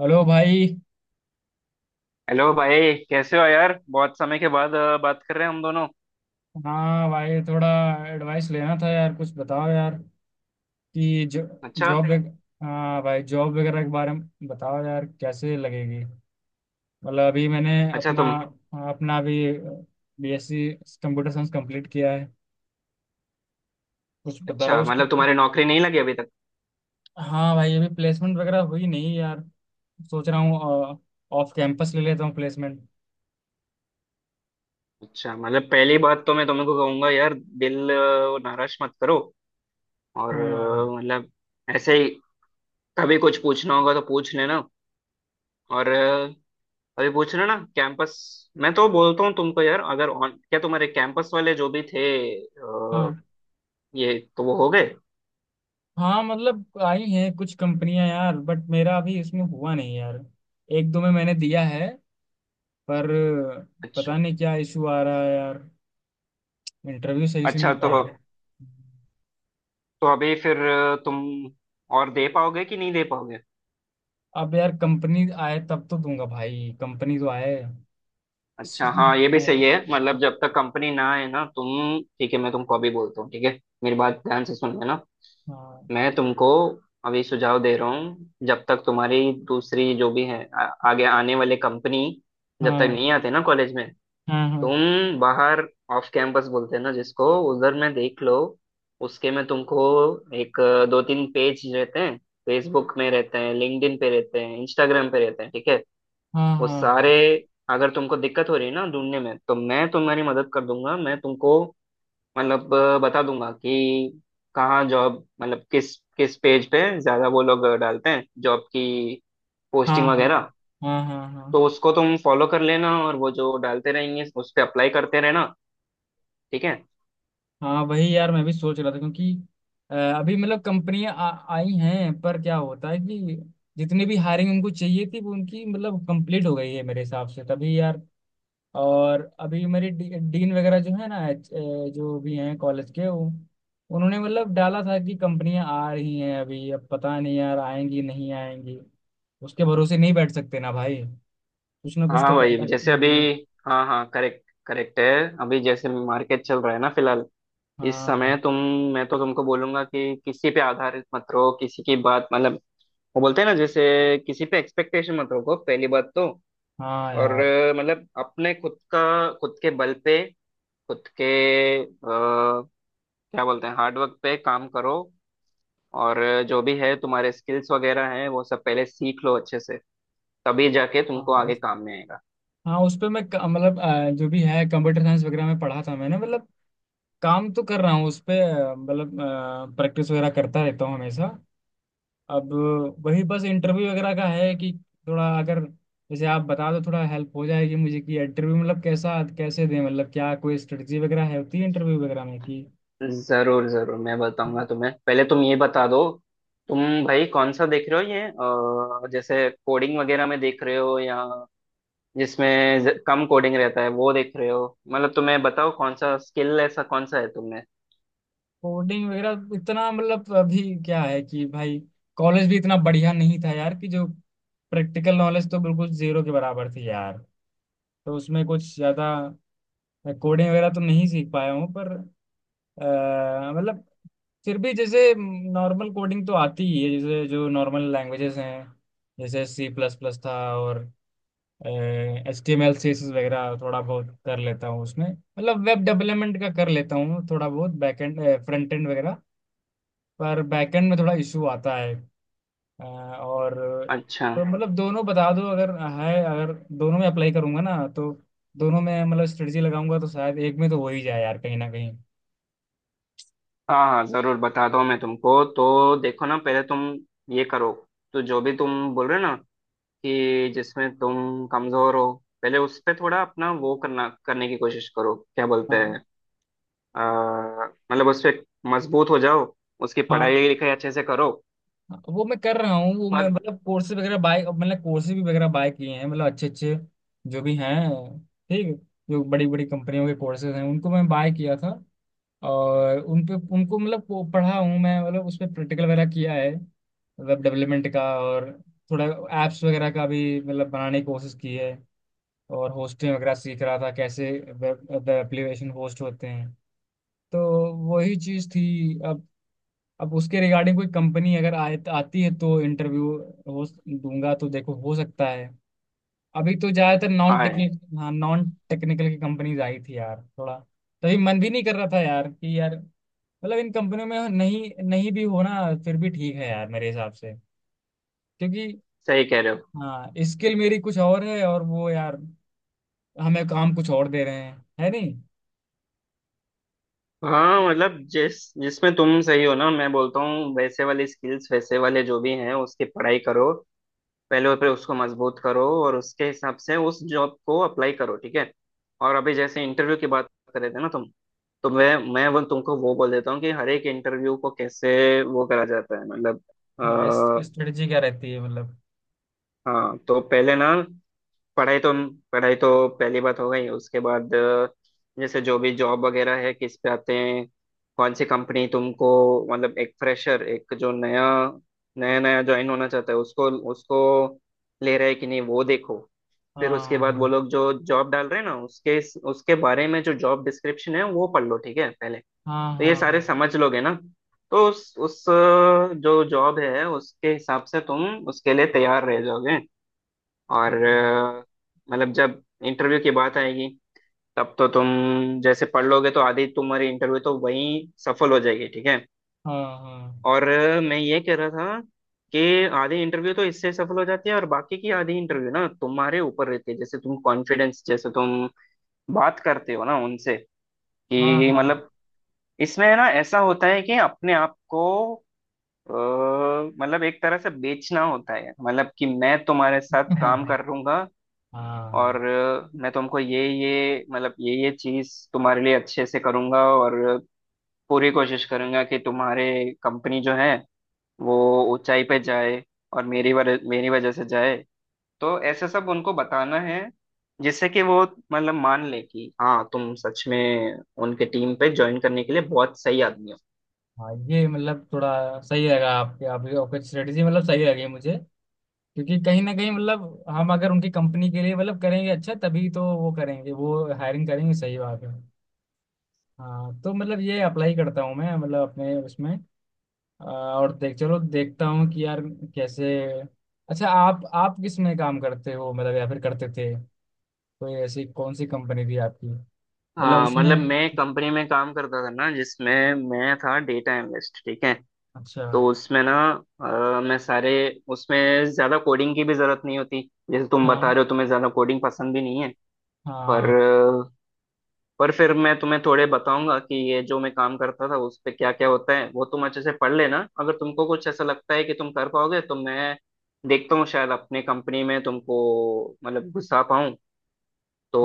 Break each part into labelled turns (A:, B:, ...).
A: Hello भाई।
B: Hello भाई। कैसे हो यार? बहुत समय के बाद बात कर रहे हैं हम दोनों।
A: हाँ भाई, थोड़ा एडवाइस लेना था यार, कुछ बताओ यार, कि जो
B: अच्छा।
A: जॉब वग- हाँ भाई, जॉब वगैरह के बारे में बताओ यार, कैसे लगेगी। मतलब अभी मैंने
B: अच्छा,
A: अपना
B: तुम...
A: अपना भी BSc कंप्यूटर साइंस कंप्लीट किया है, कुछ बताओ
B: अच्छा,
A: उसकी।
B: मतलब तुम्हारी नौकरी नहीं लगी अभी तक?
A: हाँ भाई, अभी प्लेसमेंट वगैरह हुई नहीं यार। सोच रहा हूँ ऑफ कैंपस ले लेता हूँ प्लेसमेंट।
B: अच्छा, मतलब पहली बात तो मैं तुमको कहूंगा यार, दिल नाराज मत करो। और
A: हाँ,
B: मतलब ऐसे ही कभी कुछ पूछना होगा तो पूछ लेना। और अभी पूछ लेना। कैंपस, मैं तो बोलता हूँ तुमको यार, अगर ऑन, क्या तुम्हारे कैंपस वाले जो भी थे अ,
A: हाँ,
B: ये तो वो हो गए।
A: हाँ। मतलब आई हैं कुछ कंपनियां यार, बट मेरा अभी इसमें हुआ नहीं यार। एक दो में मैंने दिया है, पर
B: अच्छा।
A: पता नहीं क्या इशू आ रहा है यार, इंटरव्यू सही से नहीं
B: अच्छा तो...
A: जा रहा है।
B: तो अभी फिर तुम और दे पाओगे कि नहीं दे पाओगे?
A: अब यार, कंपनी आए तब तो दूंगा भाई, कंपनी तो आए। स-
B: अच्छा हाँ, ये भी सही
A: हाँ,
B: है, मतलब जब तक कंपनी ना आए ना तुम... ठीक है, मैं तुमको अभी बोलता हूँ, ठीक है। मेरी बात ध्यान से सुन लेना। मैं तुमको अभी सुझाव दे रहा हूँ, जब तक तुम्हारी दूसरी जो भी है आगे आने वाले कंपनी जब तक
A: हाँ,
B: नहीं आते ना कॉलेज में,
A: हाँ, हाँ,
B: तुम बाहर ऑफ कैंपस बोलते हैं ना जिसको, उधर में देख लो। उसके में तुमको एक दो तीन पेज रहते हैं। फेसबुक में रहते हैं, लिंक्डइन पे रहते हैं, इंस्टाग्राम पे रहते हैं, ठीक है।
A: हाँ,
B: वो
A: हाँ,
B: सारे, अगर तुमको दिक्कत हो रही है ना ढूंढने में, तो मैं तुम्हारी मदद कर दूंगा। मैं तुमको मतलब बता दूंगा कि कहाँ जॉब, मतलब किस किस पेज पे ज्यादा वो लोग डालते हैं जॉब की
A: हाँ,
B: पोस्टिंग
A: हाँ,
B: वगैरह।
A: हाँ, हाँ, हाँ, हाँ, हाँ,
B: तो उसको तुम फॉलो कर लेना, और वो जो डालते रहेंगे उस पे अप्लाई करते रहना, ठीक है।
A: हाँ। वही यार, मैं भी सोच रहा था, क्योंकि अभी मतलब कंपनियां आई हैं, पर क्या होता है कि जितनी भी हायरिंग उनको चाहिए थी, वो उनकी मतलब कंप्लीट हो गई है मेरे हिसाब से, तभी यार। और अभी मेरे डीन वगैरह जो है ना, जो भी हैं कॉलेज के, वो उन्होंने मतलब डाला था कि कंपनियां आ रही हैं, अभी अब पता नहीं यार, आएंगी नहीं आएंगी। उसके भरोसे नहीं बैठ सकते ना भाई, कुछ ना कुछ
B: हाँ
A: तो करना
B: भाई,
A: है।
B: जैसे अभी...
A: हम्म।
B: हाँ हाँ, करेक्ट करेक्ट है। अभी जैसे मार्केट चल रहा है ना फिलहाल, इस
A: हाँ,
B: समय तुम... मैं तो तुमको बोलूंगा कि किसी पे आधारित मत रहो, किसी की बात मतलब वो बोलते हैं ना जैसे, किसी पे एक्सपेक्टेशन मत रखो, पहली बात तो।
A: हाँ
B: और
A: यार।
B: मतलब अपने खुद का, खुद के बल पे, खुद के आ, क्या बोलते हैं हार्डवर्क पे काम करो। और जो भी है तुम्हारे स्किल्स वगैरह हैं वो सब पहले सीख लो अच्छे से, तभी जाके तुमको
A: हाँ,
B: आगे काम में आएगा।
A: हाँ, उस पे मैं मतलब जो भी है कंप्यूटर साइंस वगैरह में पढ़ा था मैंने, मतलब काम तो कर रहा हूँ उस पे, मतलब प्रैक्टिस वगैरह करता रहता हूँ हमेशा। अब वही बस, इंटरव्यू वगैरह का है कि थोड़ा, अगर जैसे आप बता दो थोड़ा, हेल्प हो जाएगी मुझे, कि इंटरव्यू मतलब कैसा कैसे दें, मतलब क्या कोई स्ट्रेटजी वगैरह है, होती है इंटरव्यू वगैरह में, कि
B: जरूर जरूर मैं बताऊंगा तुम्हें, पहले तुम ये बता दो। तुम भाई कौन सा देख रहे हो ये, जैसे कोडिंग वगैरह में देख रहे हो, या जिसमें कम कोडिंग रहता है वो देख रहे हो, मतलब तुम्हें बताओ कौन सा स्किल, ऐसा कौन सा है तुमने।
A: कोडिंग वगैरह इतना मतलब। अभी क्या है कि भाई, कॉलेज भी इतना बढ़िया नहीं था यार, कि जो प्रैक्टिकल नॉलेज तो बिल्कुल जीरो के बराबर थी यार। तो उसमें कुछ ज्यादा कोडिंग वगैरह तो नहीं सीख पाया हूँ, पर मतलब फिर भी जैसे नॉर्मल कोडिंग तो आती ही है, जैसे जो नॉर्मल लैंग्वेजेस हैं, जैसे C++ था, और HTML CSS वगैरह थोड़ा बहुत कर लेता हूँ, उसमें मतलब वेब डेवलपमेंट का कर लेता हूँ थोड़ा बहुत, बैक एंड फ्रंट एंड वगैरह। पर बैकएंड में थोड़ा इशू आता है। और
B: अच्छा।
A: तो मतलब दोनों बता दो, अगर है। अगर दोनों में अप्लाई करूंगा ना, तो दोनों में मतलब स्ट्रेटजी लगाऊंगा, तो शायद एक में तो हो ही जाए यार, कहीं ना कहीं।
B: हाँ हाँ जरूर बताता हूँ मैं तुमको, तो देखो ना, पहले तुम ये करो। तो जो भी तुम बोल रहे हो ना, कि जिसमें तुम कमजोर हो, पहले उस पे थोड़ा अपना वो करना, करने की कोशिश करो, क्या बोलते हैं
A: हाँ,
B: अ, मतलब उस पे मजबूत हो जाओ। उसकी
A: हाँ।
B: पढ़ाई लिखाई अच्छे से करो।
A: वो मैं कर रहा हूँ, वो मैं
B: पर
A: मतलब कोर्सेज वगैरह बाय, मतलब कोर्सेज भी वगैरह बाय किए हैं मतलब, अच्छे अच्छे जो भी हैं, ठीक। जो बड़ी बड़ी कंपनियों के कोर्सेज हैं उनको मैं बाय किया था, और उन पे उनको मतलब वो पढ़ा हूँ मैं, मतलब उस पर प्रैक्टिकल वगैरह किया है। वेब डेवलपमेंट का, और थोड़ा ऐप्स वगैरह का भी मतलब बनाने की कोशिश की है, और होस्टिंग वगैरह सीख रहा था कैसे वेब वेब एप्लीकेशन होस्ट होते हैं। तो वही चीज़ थी। अब उसके रिगार्डिंग कोई कंपनी अगर आए आती है तो इंटरव्यू हो दूंगा। तो देखो, हो सकता है। अभी तो ज्यादातर नॉन
B: हाँ,
A: टेक्निकल, हाँ, नॉन टेक्निकल की कंपनीज आई थी यार, थोड़ा तभी मन भी नहीं कर रहा था यार, कि यार मतलब इन कंपनियों में नहीं नहीं भी होना फिर भी ठीक है यार मेरे हिसाब से। क्योंकि,
B: सही कह रहे हो।
A: हाँ, स्किल मेरी कुछ और है, और वो यार हमें काम कुछ और दे रहे हैं, है नहीं।
B: हाँ मतलब जिस, जिसमें तुम सही हो ना, मैं बोलता हूँ वैसे वाले स्किल्स, वैसे वाले जो भी हैं उसकी पढ़ाई करो। पहले पे उसको मजबूत करो, और उसके हिसाब से उस जॉब को अप्लाई करो, ठीक है। और अभी जैसे इंटरव्यू की बात कर रहे थे ना तुम, तो मैं वो तुमको वो बोल देता हूँ कि हर एक इंटरव्यू को कैसे वो करा जाता है, मतलब आ,
A: हाँ, इस स्ट्रेटजी क्या रहती है मतलब।
B: हाँ तो पहले ना, पढ़ाई तो... पढ़ाई तो पहली बात हो गई, उसके बाद जैसे जो भी जॉब वगैरह है किस पे आते हैं, कौन सी कंपनी तुमको, मतलब एक फ्रेशर, एक जो नया, नया नया ज्वाइन होना चाहता है, उसको, उसको ले रहा है कि नहीं वो देखो। फिर उसके बाद वो
A: हाँ,
B: लोग जो जॉब डाल रहे हैं ना, उसके उसके बारे में जो जॉब डिस्क्रिप्शन है वो पढ़ लो, ठीक है पहले।
A: हाँ,
B: तो ये सारे
A: हाँ,
B: समझ लोगे ना, तो उस जो जॉब है उसके हिसाब से तुम उसके लिए तैयार रह जाओगे। और
A: हाँ,
B: मतलब जब इंटरव्यू की बात आएगी तब तो तुम जैसे पढ़ लोगे तो आधी तुम्हारी इंटरव्यू तो वहीं सफल हो जाएगी, ठीक है।
A: हाँ,
B: और मैं ये कह रहा था कि आधी इंटरव्यू तो इससे सफल हो जाती है, और बाकी की आधी इंटरव्यू ना तुम्हारे ऊपर रहती है, जैसे तुम कॉन्फिडेंस, जैसे तुम बात करते हो ना उनसे,
A: हाँ,
B: कि
A: हाँ,
B: मतलब
A: हाँ,
B: इसमें ना ऐसा होता है कि अपने आप को मतलब एक तरह से बेचना होता है, मतलब कि मैं तुम्हारे साथ काम
A: हाँ,
B: कर लूंगा, और
A: हाँ।
B: मैं तुमको ये मतलब ये चीज तुम्हारे लिए अच्छे से करूंगा, और पूरी कोशिश करूंगा कि तुम्हारे कंपनी जो है वो ऊंचाई पे जाए, और मेरी वजह, मेरी वजह से जाए। तो ऐसे सब उनको बताना है, जिससे कि वो मतलब मान ले कि हाँ तुम सच में उनके टीम पे ज्वाइन करने के लिए बहुत सही आदमी हो।
A: हाँ, ये मतलब थोड़ा सही लगा, आपके आपकी आपकी स्ट्रेटजी, मतलब सही लगी मुझे। क्योंकि कहीं ना कहीं मतलब, हम अगर उनकी कंपनी के लिए मतलब करेंगे अच्छा, तभी तो वो करेंगे, वो हायरिंग करेंगे, सही बात है। हाँ, तो मतलब ये अप्लाई करता हूँ मैं, मतलब अपने उसमें। और देख चलो देखता हूँ कि यार कैसे। अच्छा, आप किस में काम करते हो, मतलब या फिर करते थे, कोई ऐसी कौन सी कंपनी थी आपकी? मतलब
B: हाँ
A: उसमें,
B: मतलब मैं कंपनी में काम करता था ना, जिसमें मैं था डेटा एनालिस्ट, ठीक है।
A: अच्छा।
B: तो उसमें ना मैं सारे, उसमें ज्यादा कोडिंग की भी जरूरत नहीं होती। जैसे तुम बता
A: हाँ,
B: रहे हो तुम्हें ज्यादा कोडिंग पसंद भी नहीं है। पर
A: हाँ,
B: पर फिर मैं तुम्हें थोड़े बताऊंगा कि ये जो मैं काम करता था उस पे क्या क्या होता है, वो तुम अच्छे से पढ़ लेना, अगर तुमको कुछ ऐसा लगता है कि तुम कर पाओगे तो मैं देखता हूँ, शायद अपने कंपनी में तुमको मतलब घुसा पाऊँ।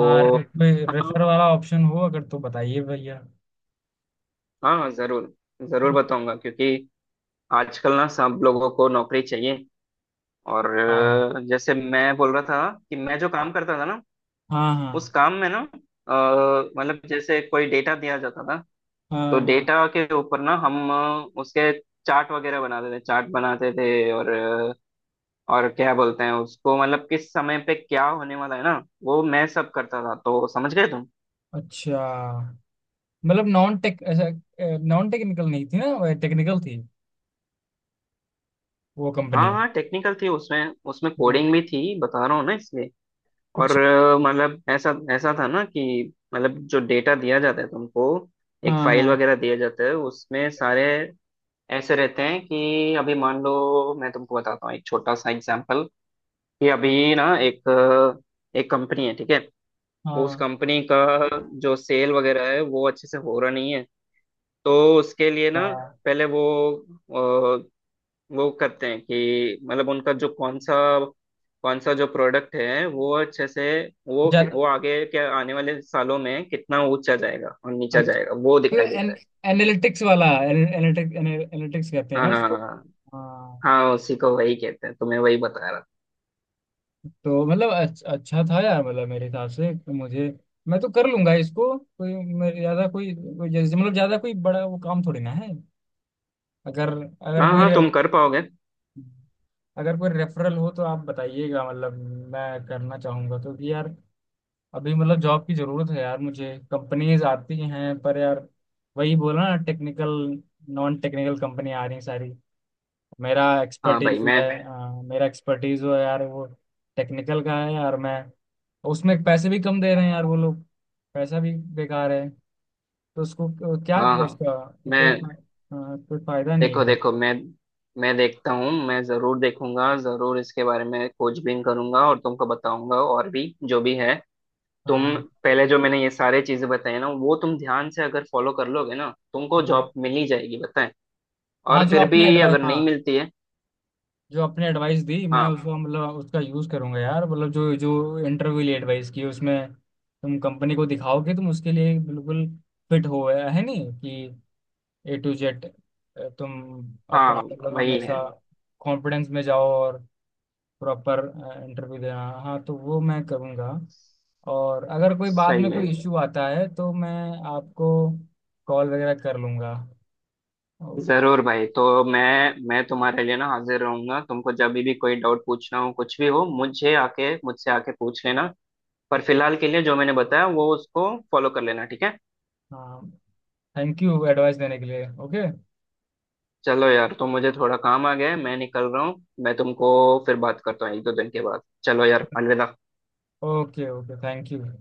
A: हाँ। कोई
B: हाँ,
A: रेफर वाला ऑप्शन हो अगर तो बताइए भैया।
B: हाँ जरूर, जरूर बताऊंगा, क्योंकि आजकल ना सब लोगों को नौकरी चाहिए। और
A: हाँ, हाँ,
B: जैसे मैं बोल रहा था कि मैं जो काम करता था ना, उस
A: हाँ,
B: काम में ना अ, मतलब जैसे कोई डेटा दिया जाता था, तो
A: हाँ, हाँ,
B: डेटा के ऊपर ना हम उसके चार्ट वगैरह बनाते थे, चार्ट बनाते थे, और और क्या बोलते हैं उसको, मतलब किस समय पे क्या होने वाला है ना, वो मैं सब करता था, तो समझ गए तुम।
A: अच्छा। मतलब नॉन टेक ऐसा, नॉन टेक्निकल नहीं थी ना, टेक्निकल थी वो
B: हाँ
A: कंपनी।
B: हाँ टेक्निकल थी, उसमें उसमें
A: हाँ,
B: कोडिंग भी थी, बता रहा हूँ ना इसलिए। और
A: अच्छा।
B: मतलब ऐसा ऐसा था ना कि मतलब जो डेटा दिया जाता है तुमको, एक
A: हाँ,
B: फाइल
A: हाँ,
B: वगैरह दिया जाता है, उसमें सारे ऐसे रहते हैं कि अभी मान लो, मैं तुमको बताता हूँ एक छोटा सा एग्जांपल, कि अभी ना एक एक कंपनी है, ठीक है। उस
A: हाँ,
B: कंपनी का जो सेल वगैरह है वो अच्छे से हो रहा नहीं है, तो उसके लिए ना
A: हाँ,
B: पहले वो करते हैं कि मतलब उनका जो कौन सा, कौन सा जो प्रोडक्ट है वो अच्छे से वो
A: ज्यादा।
B: वो आगे के आने वाले सालों में कितना ऊंचा जाएगा और नीचा जाएगा वो
A: मतलब
B: दिखाई देता है।
A: एनालिटिक्स वाला, एनालिटिक्स एनालिटिक्स कहते हैं
B: हाँ
A: ना
B: हाँ
A: इसको।
B: हाँ, हाँ।
A: हाँ,
B: हाँ, उसी को वही कहते हैं, तुम्हें वही बता रहा।
A: तो मतलब अच्छा था यार, मतलब मेरे हिसाब से कि मुझे, मैं तो कर लूंगा इसको, कोई मेरे ज्यादा कोई जैसे मतलब ज्यादा कोई बड़ा वो काम थोड़ी ना है। अगर अगर
B: हाँ
A: कोई
B: हाँ,
A: रे,
B: तुम कर पाओगे।
A: अगर कोई रेफरल हो तो आप बताइएगा मतलब, मैं करना चाहूंगा तो, कि यार अभी मतलब जॉब की जरूरत है यार मुझे, कंपनीज आती हैं पर यार वही बोला ना, टेक्निकल नॉन टेक्निकल कंपनी आ रही हैं सारी।
B: हाँ भाई मैं...
A: मेरा एक्सपर्टीज जो है यार, वो टेक्निकल का है यार। मैं उसमें, पैसे भी कम दे रहे हैं यार वो लोग, पैसा भी बेकार है, तो उसको क्या
B: हाँ हाँ,
A: उसका कोई
B: मैं
A: कोई फायदा नहीं
B: देखो
A: कर।
B: देखो मैं देखता हूँ, मैं जरूर देखूंगा, जरूर इसके बारे में खोजबीन करूंगा और तुमको बताऊंगा, और भी जो भी है। तुम
A: हाँ,
B: पहले जो मैंने ये सारे चीजें बताई ना वो तुम ध्यान से अगर फॉलो कर लोगे ना, तुमको
A: हाँ,
B: जॉब मिल ही जाएगी, बताएं।
A: हाँ।
B: और फिर भी अगर नहीं मिलती है,
A: जो अपने एडवाइस दी, मैं
B: हाँ
A: उसको मतलब उसका यूज करूंगा यार, मतलब जो जो इंटरव्यू लिए एडवाइस की, उसमें तुम कंपनी को दिखाओ कि तुम उसके लिए बिल्कुल फिट हो, है नहीं कि A to Z, तुम
B: हाँ
A: अपना मतलब
B: वही
A: हमेशा
B: है।
A: कॉन्फिडेंस में जाओ और प्रॉपर इंटरव्यू देना, हाँ तो वो मैं करूँगा। और अगर कोई बाद में
B: सही है।
A: कोई इश्यू आता है तो मैं आपको कॉल वगैरह कर लूँगा। ओ,
B: जरूर भाई, तो मैं तुम्हारे लिए ना हाजिर रहूंगा, तुमको जब भी कोई डाउट पूछना हो, कुछ भी हो, मुझे आके, मुझसे आके पूछ लेना। पर फिलहाल के लिए जो मैंने बताया वो उसको फॉलो कर लेना, ठीक है।
A: हाँ, थैंक यू एडवाइस देने के लिए। ओके,
B: चलो यार, तो मुझे थोड़ा काम आ गया है, मैं निकल रहा हूँ। मैं तुमको फिर बात करता हूँ एक दो दिन के बाद। चलो यार, अलविदा।
A: Okay, okay, thank you.